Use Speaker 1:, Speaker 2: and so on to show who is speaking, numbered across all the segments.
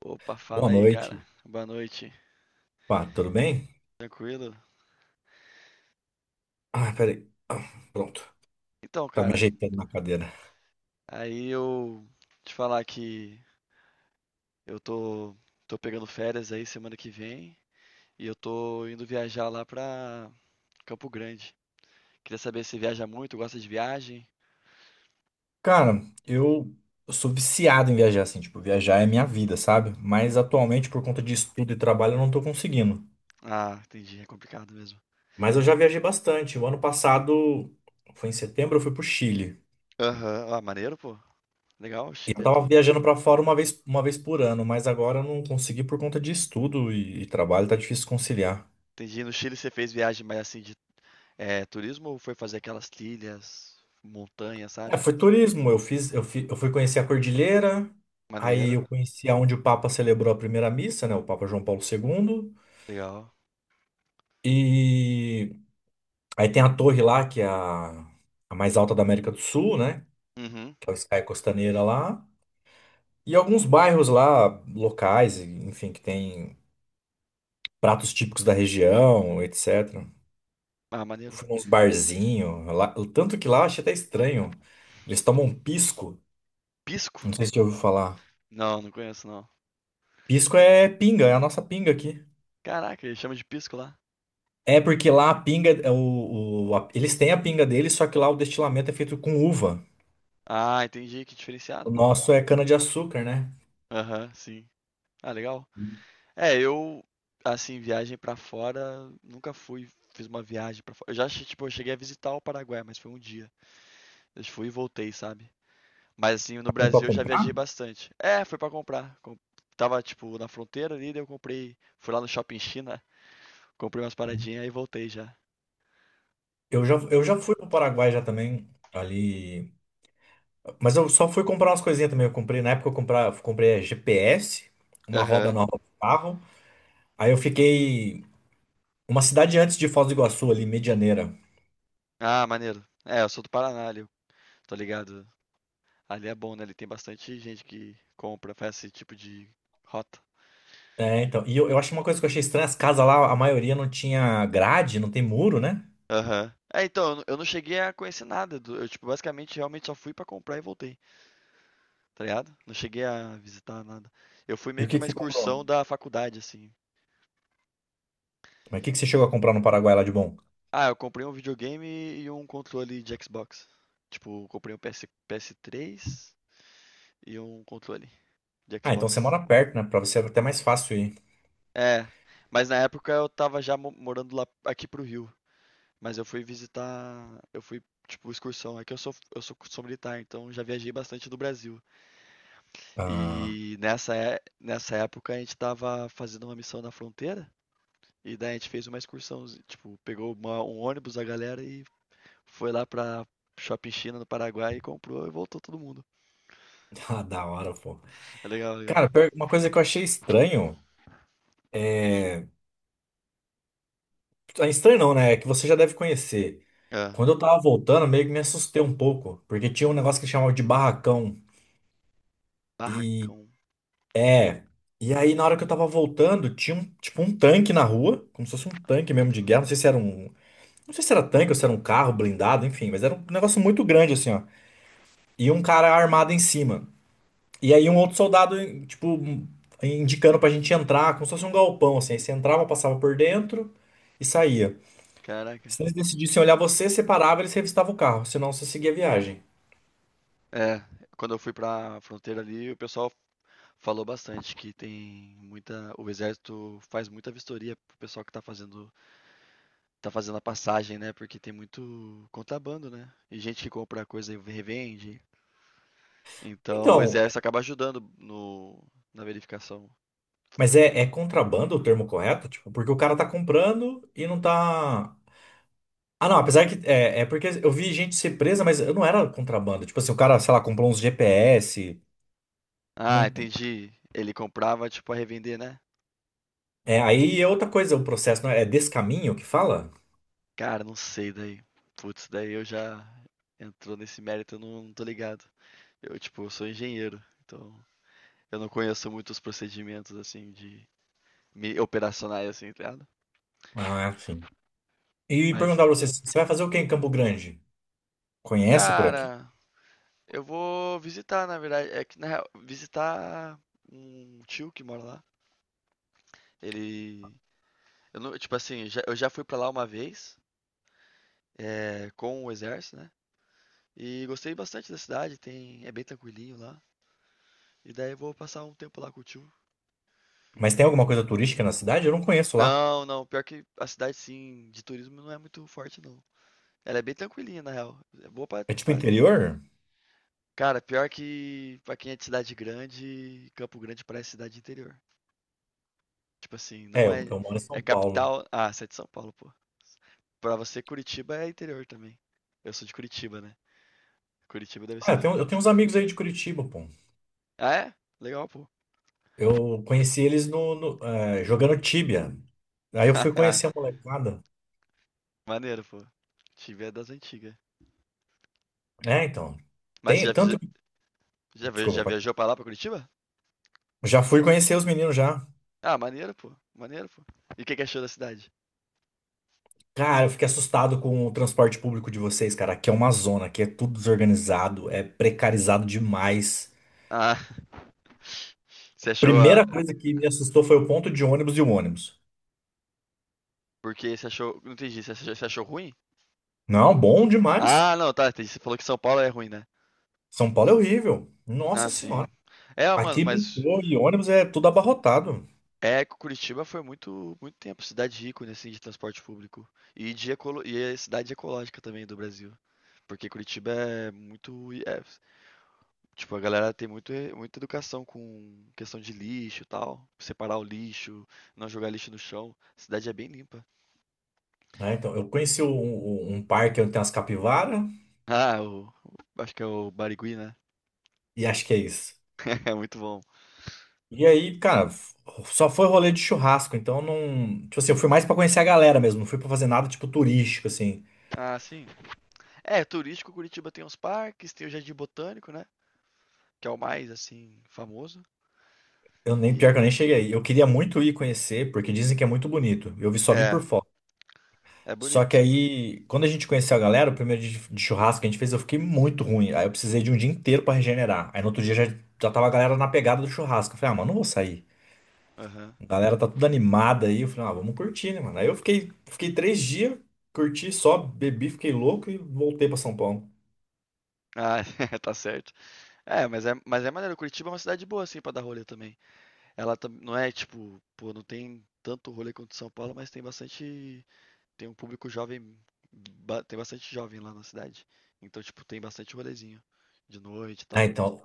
Speaker 1: Opa, fala
Speaker 2: Boa
Speaker 1: aí,
Speaker 2: noite.
Speaker 1: cara. Boa noite.
Speaker 2: Pá, tudo bem?
Speaker 1: Tranquilo?
Speaker 2: Ah, peraí. Ah, pronto.
Speaker 1: Então,
Speaker 2: Tá me
Speaker 1: cara,
Speaker 2: ajeitando na cadeira.
Speaker 1: aí eu te falar que eu tô, tô pegando férias aí semana que vem e eu tô indo viajar lá pra Campo Grande. Queria saber se viaja muito, gosta de viagem.
Speaker 2: Cara, eu sou viciado em viajar, assim, tipo, viajar é minha vida, sabe? Mas atualmente, por conta de estudo e trabalho, eu não tô conseguindo.
Speaker 1: Ah, entendi, é complicado mesmo.
Speaker 2: Mas eu já viajei bastante. O ano passado, foi em setembro, eu fui pro Chile.
Speaker 1: Aham. Ah, maneiro, pô. Legal, o
Speaker 2: E eu
Speaker 1: Chile é
Speaker 2: tava
Speaker 1: top.
Speaker 2: viajando pra fora uma vez por ano, mas agora eu não consegui por conta de estudo e trabalho, tá difícil conciliar.
Speaker 1: Entendi, no Chile você fez viagem mais assim de turismo ou foi fazer aquelas trilhas, montanha,
Speaker 2: É,
Speaker 1: sabe?
Speaker 2: foi turismo. Eu fiz, eu fi- eu fui conhecer a Cordilheira, aí
Speaker 1: Maneiro,
Speaker 2: eu conheci aonde o Papa celebrou a primeira missa, né? O Papa João Paulo II.
Speaker 1: legal.
Speaker 2: E aí tem a torre lá, que é a mais alta da América do Sul, né?
Speaker 1: Uhum.
Speaker 2: Que é o Sky Costaneira lá. E alguns bairros lá, locais, enfim, que tem pratos típicos da região, etc.
Speaker 1: Ah,
Speaker 2: Eu
Speaker 1: maneiro.
Speaker 2: fui nos barzinhos, lá, o tanto que lá eu achei até estranho. Eles tomam pisco,
Speaker 1: Pisco?
Speaker 2: não sei se você já ouviu falar.
Speaker 1: Não, não conheço não.
Speaker 2: Pisco é pinga, é a nossa pinga aqui.
Speaker 1: Caraca, ele chama de pisco lá.
Speaker 2: É porque lá a pinga, eles têm a pinga deles, só que lá o destilamento é feito com uva.
Speaker 1: Ah, entendi, que
Speaker 2: O
Speaker 1: diferenciado, pô.
Speaker 2: nosso é cana-de-açúcar, né?
Speaker 1: Aham, sim. Ah, legal. É, eu, assim, viagem pra fora, nunca fui, fiz uma viagem pra fora. Tipo, eu cheguei a visitar o Paraguai, mas foi um dia. Eu fui e voltei, sabe? Mas, assim, no
Speaker 2: Foi pra
Speaker 1: Brasil eu já
Speaker 2: comprar?
Speaker 1: viajei bastante. É, foi pra comprar. Tava, tipo, na fronteira ali, daí eu comprei. Fui lá no Shopping China, comprei umas paradinhas e voltei já.
Speaker 2: Eu já,
Speaker 1: Hum.
Speaker 2: eu já fui pro Paraguai já também, ali. Mas eu só fui comprar umas coisinhas também. Eu comprei, na época comprei GPS, uma roda
Speaker 1: Aham.
Speaker 2: nova pro carro. Aí eu fiquei uma cidade antes de Foz do Iguaçu, ali, Medianeira.
Speaker 1: Ah, maneiro. É, eu sou do Paraná, ali, eu tô ligado. Ali é bom, né? Ali tem bastante gente que compra, faz esse tipo de rota.
Speaker 2: É, então. E eu acho uma coisa que eu achei estranha, as casas lá, a maioria não tinha grade, não tem muro, né?
Speaker 1: Aham. É, então, eu não cheguei a conhecer nada. Eu, tipo, basicamente, realmente só fui pra comprar e voltei, tá ligado? Não cheguei a visitar nada. Eu fui
Speaker 2: E
Speaker 1: meio
Speaker 2: o
Speaker 1: que
Speaker 2: que que
Speaker 1: uma
Speaker 2: você comprou?
Speaker 1: excursão da faculdade, assim.
Speaker 2: Mas o que que você chegou a comprar no Paraguai lá de bom?
Speaker 1: Ah, eu comprei um videogame e um controle de Xbox. Tipo, eu comprei um PS3 e um controle de
Speaker 2: Ah, então você
Speaker 1: Xbox.
Speaker 2: mora perto, né? Pra você é até mais fácil ir.
Speaker 1: É, mas na época eu tava já morando lá aqui pro Rio. Mas eu fui visitar, eu fui, tipo, excursão. É que sou militar, então já viajei bastante do Brasil.
Speaker 2: Ah,
Speaker 1: Nessa época a gente tava fazendo uma missão na fronteira. E daí a gente fez uma excursão, tipo, pegou um ônibus da galera e foi lá pra Shopping China no Paraguai e comprou e voltou todo mundo.
Speaker 2: ah, da hora, pô.
Speaker 1: É, legal, legal.
Speaker 2: Cara, uma coisa que eu achei estranho é. Ah, estranho não, né? É que você já deve conhecer.
Speaker 1: É,
Speaker 2: Quando eu tava voltando, meio que me assustei um pouco, porque tinha um negócio que chamava de barracão. E.
Speaker 1: barracão.
Speaker 2: É. E aí, na hora que eu tava voltando, tinha um, tipo um tanque na rua, como se fosse um tanque mesmo de guerra. Não sei se era um. Não sei se era tanque ou se era um carro blindado, enfim, mas era um negócio muito grande assim, ó. E um cara armado em cima. E aí um outro soldado, tipo, indicando pra gente entrar, como se fosse um galpão, assim. Aí você entrava, passava por dentro e saía.
Speaker 1: Caraca.
Speaker 2: Se eles decidissem olhar você, você parava, eles revistavam o carro, senão você seguia a viagem.
Speaker 1: É, quando eu fui pra fronteira ali, o pessoal falou bastante que tem muita, o exército faz muita vistoria pro pessoal que tá fazendo a passagem, né, porque tem muito contrabando, né, e gente que compra coisa e revende, então o
Speaker 2: Então,
Speaker 1: exército acaba ajudando no na verificação.
Speaker 2: mas é contrabando o termo correto? Tipo, porque o cara tá comprando e não tá. Ah, não, apesar que. É, é porque eu vi gente ser presa, mas eu não era contrabando. Tipo assim, o cara, sei lá, comprou uns GPS.
Speaker 1: Ah,
Speaker 2: Não...
Speaker 1: entendi, ele comprava, tipo, a revender, né?
Speaker 2: É, aí é outra coisa o processo, não é? É descaminho que fala?
Speaker 1: Cara, não sei daí, putz, daí eu já entrou nesse mérito, eu não tô ligado. Eu sou engenheiro, então eu não conheço muito os procedimentos, assim, de me operacionais, assim, tá ligado?
Speaker 2: Ah, e
Speaker 1: Mas,
Speaker 2: perguntar pra você, você vai fazer o que em Campo Grande? Conhece por aqui?
Speaker 1: cara, eu vou visitar, na verdade. É que, na real, visitar um tio que mora lá. Ele. Eu não- tipo assim, eu já fui pra lá uma vez, é, com o exército, né? E gostei bastante da cidade, tem, é bem tranquilinho lá. E daí eu vou passar um tempo lá com o tio.
Speaker 2: Mas tem alguma coisa turística na cidade? Eu não conheço lá.
Speaker 1: Não, não, pior que a cidade, sim, de turismo não é muito forte, não. Ela é bem tranquilinha, na real. É boa pra,
Speaker 2: É tipo
Speaker 1: pra...
Speaker 2: interior?
Speaker 1: Cara, pior que pra quem é de cidade grande, Campo Grande parece cidade de interior. Tipo assim,
Speaker 2: É,
Speaker 1: não
Speaker 2: eu,
Speaker 1: é
Speaker 2: eu moro em São
Speaker 1: é
Speaker 2: Paulo.
Speaker 1: capital. Ah, você é de São Paulo, pô. Pra você, Curitiba é interior também. Eu sou de Curitiba, né. Curitiba deve
Speaker 2: Ah, eu
Speaker 1: ser
Speaker 2: tenho, eu tenho uns amigos aí de Curitiba, pô.
Speaker 1: ah, é? Legal, pô.
Speaker 2: Eu conheci eles no jogando tíbia. Aí eu fui conhecer a molecada.
Speaker 1: Maneiro, pô. Curitiba é das antigas.
Speaker 2: É, então.
Speaker 1: Mas você já
Speaker 2: Tem tanto.
Speaker 1: visi já via
Speaker 2: Desculpa,
Speaker 1: já
Speaker 2: pode
Speaker 1: viajou
Speaker 2: falar.
Speaker 1: pra lá, pra Curitiba?
Speaker 2: Já fui conhecer os meninos já.
Speaker 1: Ah, maneiro, pô. Maneiro, pô. E o que que achou da cidade?
Speaker 2: Cara, eu fiquei assustado com o transporte público de vocês, cara. Aqui é uma zona, aqui é tudo desorganizado, é precarizado demais.
Speaker 1: Ah, você achou a
Speaker 2: Primeira coisa que me assustou foi o ponto de ônibus e o ônibus.
Speaker 1: porque você achou, não entendi, você achou ruim?
Speaker 2: Não, bom demais.
Speaker 1: Ah, não, tá, entendi. Você falou que São Paulo é ruim, né.
Speaker 2: São Paulo é horrível.
Speaker 1: Ah,
Speaker 2: Nossa
Speaker 1: sim.
Speaker 2: Senhora.
Speaker 1: É, mano,
Speaker 2: Aqui
Speaker 1: mas
Speaker 2: metrô e ônibus é tudo abarrotado.
Speaker 1: é, Curitiba foi muito, muito tempo cidade ícone assim de transporte público e de ecolo... e é cidade ecológica também do Brasil, porque Curitiba é muito é, tipo a galera tem muito, muita educação com questão de lixo e tal, separar o lixo, não jogar lixo no chão. A cidade é bem limpa.
Speaker 2: Né? Então, eu conheci um parque onde tem umas capivaras
Speaker 1: Ah, acho que é o Barigui, né?
Speaker 2: e acho que é isso.
Speaker 1: É muito bom.
Speaker 2: E aí, cara, só foi rolê de churrasco. Então, não. Tipo assim, eu fui mais pra conhecer a galera mesmo. Não fui pra fazer nada, tipo, turístico, assim.
Speaker 1: Ah, sim. É, turístico Curitiba tem os parques, tem o Jardim Botânico, né? Que é o mais assim famoso
Speaker 2: Eu nem, pior que eu
Speaker 1: e
Speaker 2: nem cheguei aí. Eu queria muito ir conhecer, porque dizem que é muito bonito. Só vi por
Speaker 1: é,
Speaker 2: foto.
Speaker 1: é
Speaker 2: Só que
Speaker 1: bonito.
Speaker 2: aí, quando a gente conheceu a galera, o primeiro dia de churrasco que a gente fez, eu fiquei muito ruim. Aí eu precisei de um dia inteiro pra regenerar. Aí no outro dia já, já tava a galera na pegada do churrasco. Eu falei, ah, mano, não vou sair.
Speaker 1: Aham.
Speaker 2: A galera tá tudo animada aí. Eu falei, ah, vamos curtir, né, mano? Aí eu fiquei 3 dias, curti só, bebi, fiquei louco e voltei pra São Paulo.
Speaker 1: Ah, tá certo. Mas é maneiro, Curitiba é uma cidade boa, assim, pra dar rolê também. Ela tam não é tipo, pô, não tem tanto rolê quanto São Paulo, mas tem bastante, tem um público jovem, ba tem bastante jovem lá na cidade. Então, tipo, tem bastante rolezinho de noite e
Speaker 2: Ah,
Speaker 1: tal.
Speaker 2: então,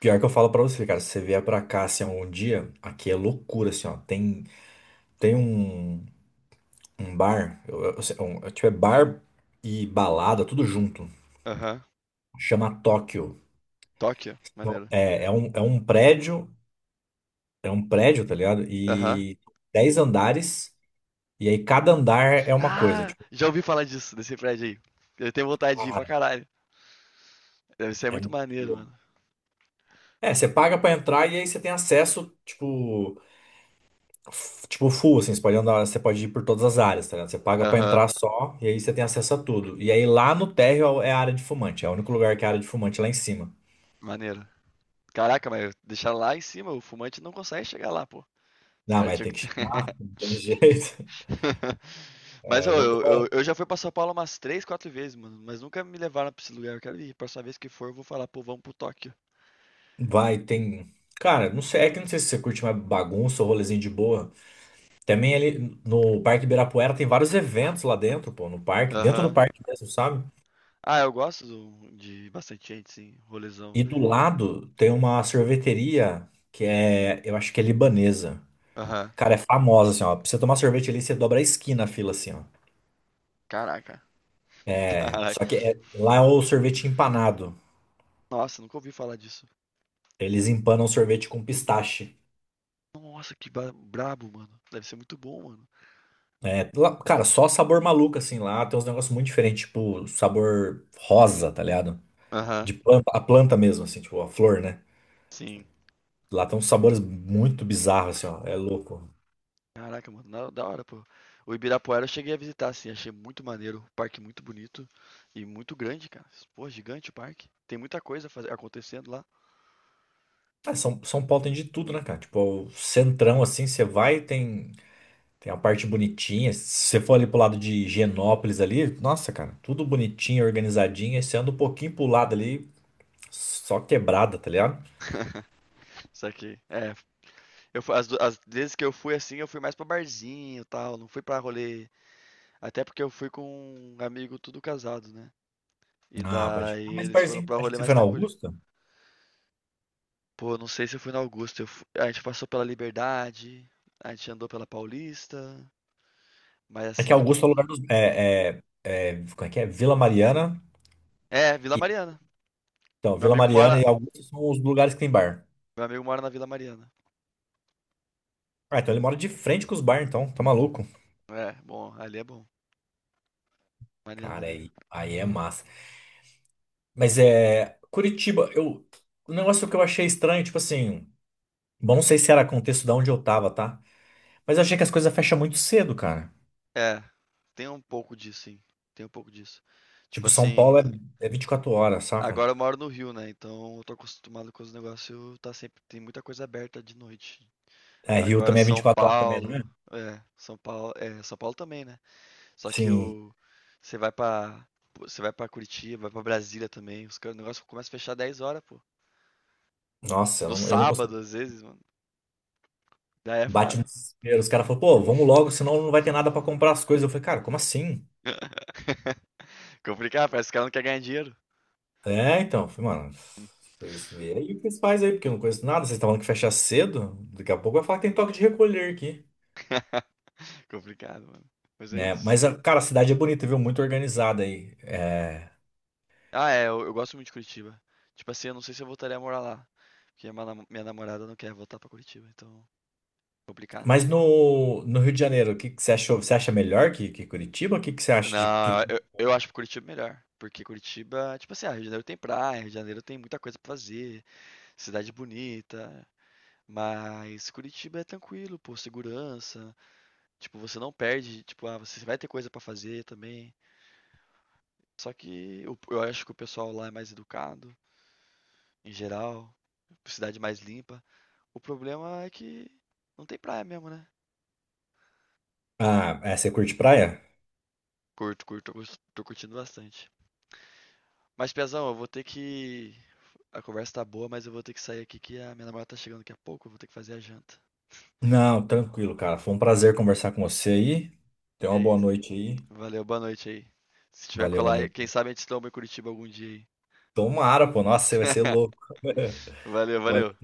Speaker 2: pior que eu falo pra você, cara, se você vier pra cá, assim, um dia, aqui é loucura, assim, ó. Tem um, um bar, tipo, é bar e balada, tudo junto.
Speaker 1: Aham.
Speaker 2: Chama Tóquio.
Speaker 1: Tóquio,
Speaker 2: Não,
Speaker 1: maneiro.
Speaker 2: é um prédio, tá ligado?
Speaker 1: Aham.
Speaker 2: E 10 andares, e aí cada andar é uma coisa.
Speaker 1: Ah,
Speaker 2: Tipo,
Speaker 1: já ouvi falar disso, desse prédio aí. Eu tenho vontade de ir pra
Speaker 2: cara,
Speaker 1: caralho. Deve ser
Speaker 2: é
Speaker 1: muito
Speaker 2: muito
Speaker 1: maneiro,
Speaker 2: louco.
Speaker 1: mano.
Speaker 2: É, você paga pra entrar e aí você tem acesso, tipo, tipo full, assim, você pode andar, você pode ir por todas as áreas, tá ligado? Você paga pra
Speaker 1: Aham,
Speaker 2: entrar só, e aí você tem acesso a tudo. E aí lá no térreo é a área de fumante, é o único lugar que é a área de fumante lá em cima.
Speaker 1: maneiro. Caraca, mas deixar lá em cima, o fumante não consegue chegar lá, pô. Os
Speaker 2: Não,
Speaker 1: caras
Speaker 2: mas
Speaker 1: tinham
Speaker 2: tem
Speaker 1: que
Speaker 2: que
Speaker 1: ter.
Speaker 2: chegar, não tem jeito.
Speaker 1: Mas
Speaker 2: É,
Speaker 1: ô, eu já fui pra São Paulo umas três, quatro vezes, mano. Mas nunca me levaram pra esse lugar. Eu quero ir. Próxima vez que for, eu vou falar, pô, vamos pro Tóquio.
Speaker 2: vai, tem. Cara, não sei, é que não sei se você curte mais bagunça ou rolezinho de boa. Também ali no Parque Ibirapuera tem vários eventos lá dentro, pô, no parque, dentro do
Speaker 1: Aham.
Speaker 2: parque mesmo, sabe?
Speaker 1: Ah, eu gosto de bastante gente, sim. Rolezão.
Speaker 2: E do lado tem uma sorveteria que é, eu acho que é libanesa.
Speaker 1: Aham.
Speaker 2: Cara, é famosa, assim, ó. Pra você tomar sorvete ali, você dobra a esquina a fila, assim, ó.
Speaker 1: Caraca.
Speaker 2: É,
Speaker 1: Caraca.
Speaker 2: só que é- lá é o sorvete empanado.
Speaker 1: Nossa, nunca ouvi falar disso.
Speaker 2: Eles empanam sorvete com pistache.
Speaker 1: Nossa, que brabo, mano. Deve ser muito bom, mano.
Speaker 2: É, lá- cara, só sabor maluco, assim, lá tem uns negócios muito diferentes, tipo, sabor rosa, tá ligado?
Speaker 1: Aham.
Speaker 2: De planta, a planta mesmo, assim, tipo, a flor, né?
Speaker 1: Sim.
Speaker 2: Lá tem uns sabores muito bizarros, assim, ó. É louco.
Speaker 1: Caraca, mano, da hora, pô. O Ibirapuera eu cheguei a visitar, assim, achei muito maneiro, o parque muito bonito e muito grande, cara. Pô, gigante o parque. Tem muita coisa acontecendo lá.
Speaker 2: Ah, São Paulo tem de tudo, né, cara? Tipo, é o centrão, assim, você vai, tem a parte bonitinha. Se você for ali pro lado de Higienópolis ali, nossa, cara, tudo bonitinho, organizadinho. Aí você anda um pouquinho pro lado ali, só quebrada, tá ligado?
Speaker 1: Só que, é, eu, fu- as, du- as vezes que eu fui assim, eu fui mais pra barzinho e tal, não fui pra rolê. Até porque eu fui com um amigo tudo casado, né? E
Speaker 2: Ah, pode.
Speaker 1: daí
Speaker 2: Ah, mas
Speaker 1: eles foram
Speaker 2: barzinho,
Speaker 1: pra
Speaker 2: acho que
Speaker 1: rolê
Speaker 2: você foi
Speaker 1: mais
Speaker 2: na
Speaker 1: tranquilo.
Speaker 2: Augusta?
Speaker 1: Pô, não sei se eu fui na Augusta, a gente passou pela Liberdade, a gente andou pela Paulista, mas
Speaker 2: É que
Speaker 1: assim.
Speaker 2: Augusta é o lugar dos. É, é, é, como é que é? Vila Mariana.
Speaker 1: É, Vila Mariana.
Speaker 2: Então,
Speaker 1: Meu
Speaker 2: Vila
Speaker 1: amigo
Speaker 2: Mariana
Speaker 1: mora,
Speaker 2: e Augusta são os lugares que tem bar.
Speaker 1: Meu amigo mora na Vila Mariana.
Speaker 2: Ah, então ele mora de frente com os bar, então, tá maluco?
Speaker 1: É, bom, ali é bom. Maneiro,
Speaker 2: Cara,
Speaker 1: maneiro.
Speaker 2: aí é massa. Mas é. Curitiba, eu. O negócio que eu achei estranho, tipo assim. Bom, não sei se era contexto de onde eu tava, tá? Mas eu achei que as coisas fecham muito cedo, cara.
Speaker 1: É, tem um pouco disso, sim. Tem um pouco disso. Tipo
Speaker 2: Tipo, São
Speaker 1: assim,
Speaker 2: Paulo é 24 horas, saca?
Speaker 1: agora eu moro no Rio, né? Então eu tô acostumado com os negócios, tá sempre, tem muita coisa aberta de noite.
Speaker 2: É, Rio
Speaker 1: Agora
Speaker 2: também é vinte e
Speaker 1: São
Speaker 2: quatro horas também, não é?
Speaker 1: Paulo, é, São Paulo, é, São Paulo também, né? Só que
Speaker 2: Sim.
Speaker 1: o você vai pra você vai para Curitiba, vai pra Brasília também. Os caras, o negócio começa a fechar 10 horas, pô.
Speaker 2: Nossa,
Speaker 1: No
Speaker 2: eu não consigo.
Speaker 1: sábado, às vezes, mano. Daí é
Speaker 2: Bate no
Speaker 1: foda.
Speaker 2: desespero. Os caras falam, pô, vamos logo, senão não vai ter nada pra comprar as coisas. Eu falei, cara, como assim?
Speaker 1: Complicado, parece que o cara não quer ganhar dinheiro.
Speaker 2: É, então. Eu falei, mano, vocês veem aí o que vocês fazem aí, porque eu não conheço nada. Vocês estavam falando que fecha cedo. Daqui a pouco vai falar que tem toque de recolher aqui.
Speaker 1: Que complicado, mano. Mas é
Speaker 2: Né?
Speaker 1: isso.
Speaker 2: Mas, cara, a cidade é bonita, viu? Muito organizada aí. É,
Speaker 1: Ah, é, eu gosto muito de Curitiba. Tipo assim, eu não sei se eu voltaria a morar lá. Porque minha namorada não quer voltar pra Curitiba, então complicado.
Speaker 2: mas no Rio de Janeiro, o que, que você achou? Você acha melhor que Curitiba? O que, que você acha de. Que...
Speaker 1: Não, eu acho Curitiba melhor. Porque Curitiba, tipo assim, ah, Rio de Janeiro tem praia, Rio de Janeiro tem muita coisa pra fazer, cidade bonita. Mas Curitiba é tranquilo, pô, segurança. Tipo, você não perde, tipo, ah, você vai ter coisa pra fazer também. Só que eu acho que o pessoal lá é mais educado, em geral. Cidade mais limpa. O problema é que não tem praia mesmo, né?
Speaker 2: Ah, é, você curte praia?
Speaker 1: Curto, curto, tô curtindo bastante. Mas, Pezão, eu vou ter que. A conversa tá boa, mas eu vou ter que sair aqui que a minha namorada tá chegando daqui a pouco, eu vou ter que fazer a janta.
Speaker 2: Não, tranquilo, cara. Foi um prazer conversar com você aí. Tenha
Speaker 1: E
Speaker 2: uma
Speaker 1: é
Speaker 2: boa
Speaker 1: isso.
Speaker 2: noite aí.
Speaker 1: Valeu, boa noite aí. Se tiver
Speaker 2: Valeu,
Speaker 1: colar,
Speaker 2: valeu.
Speaker 1: quem sabe a gente toma em Curitiba algum dia aí.
Speaker 2: Tomara, pô. Nossa, você vai ser louco.
Speaker 1: Valeu, valeu.
Speaker 2: Valeu.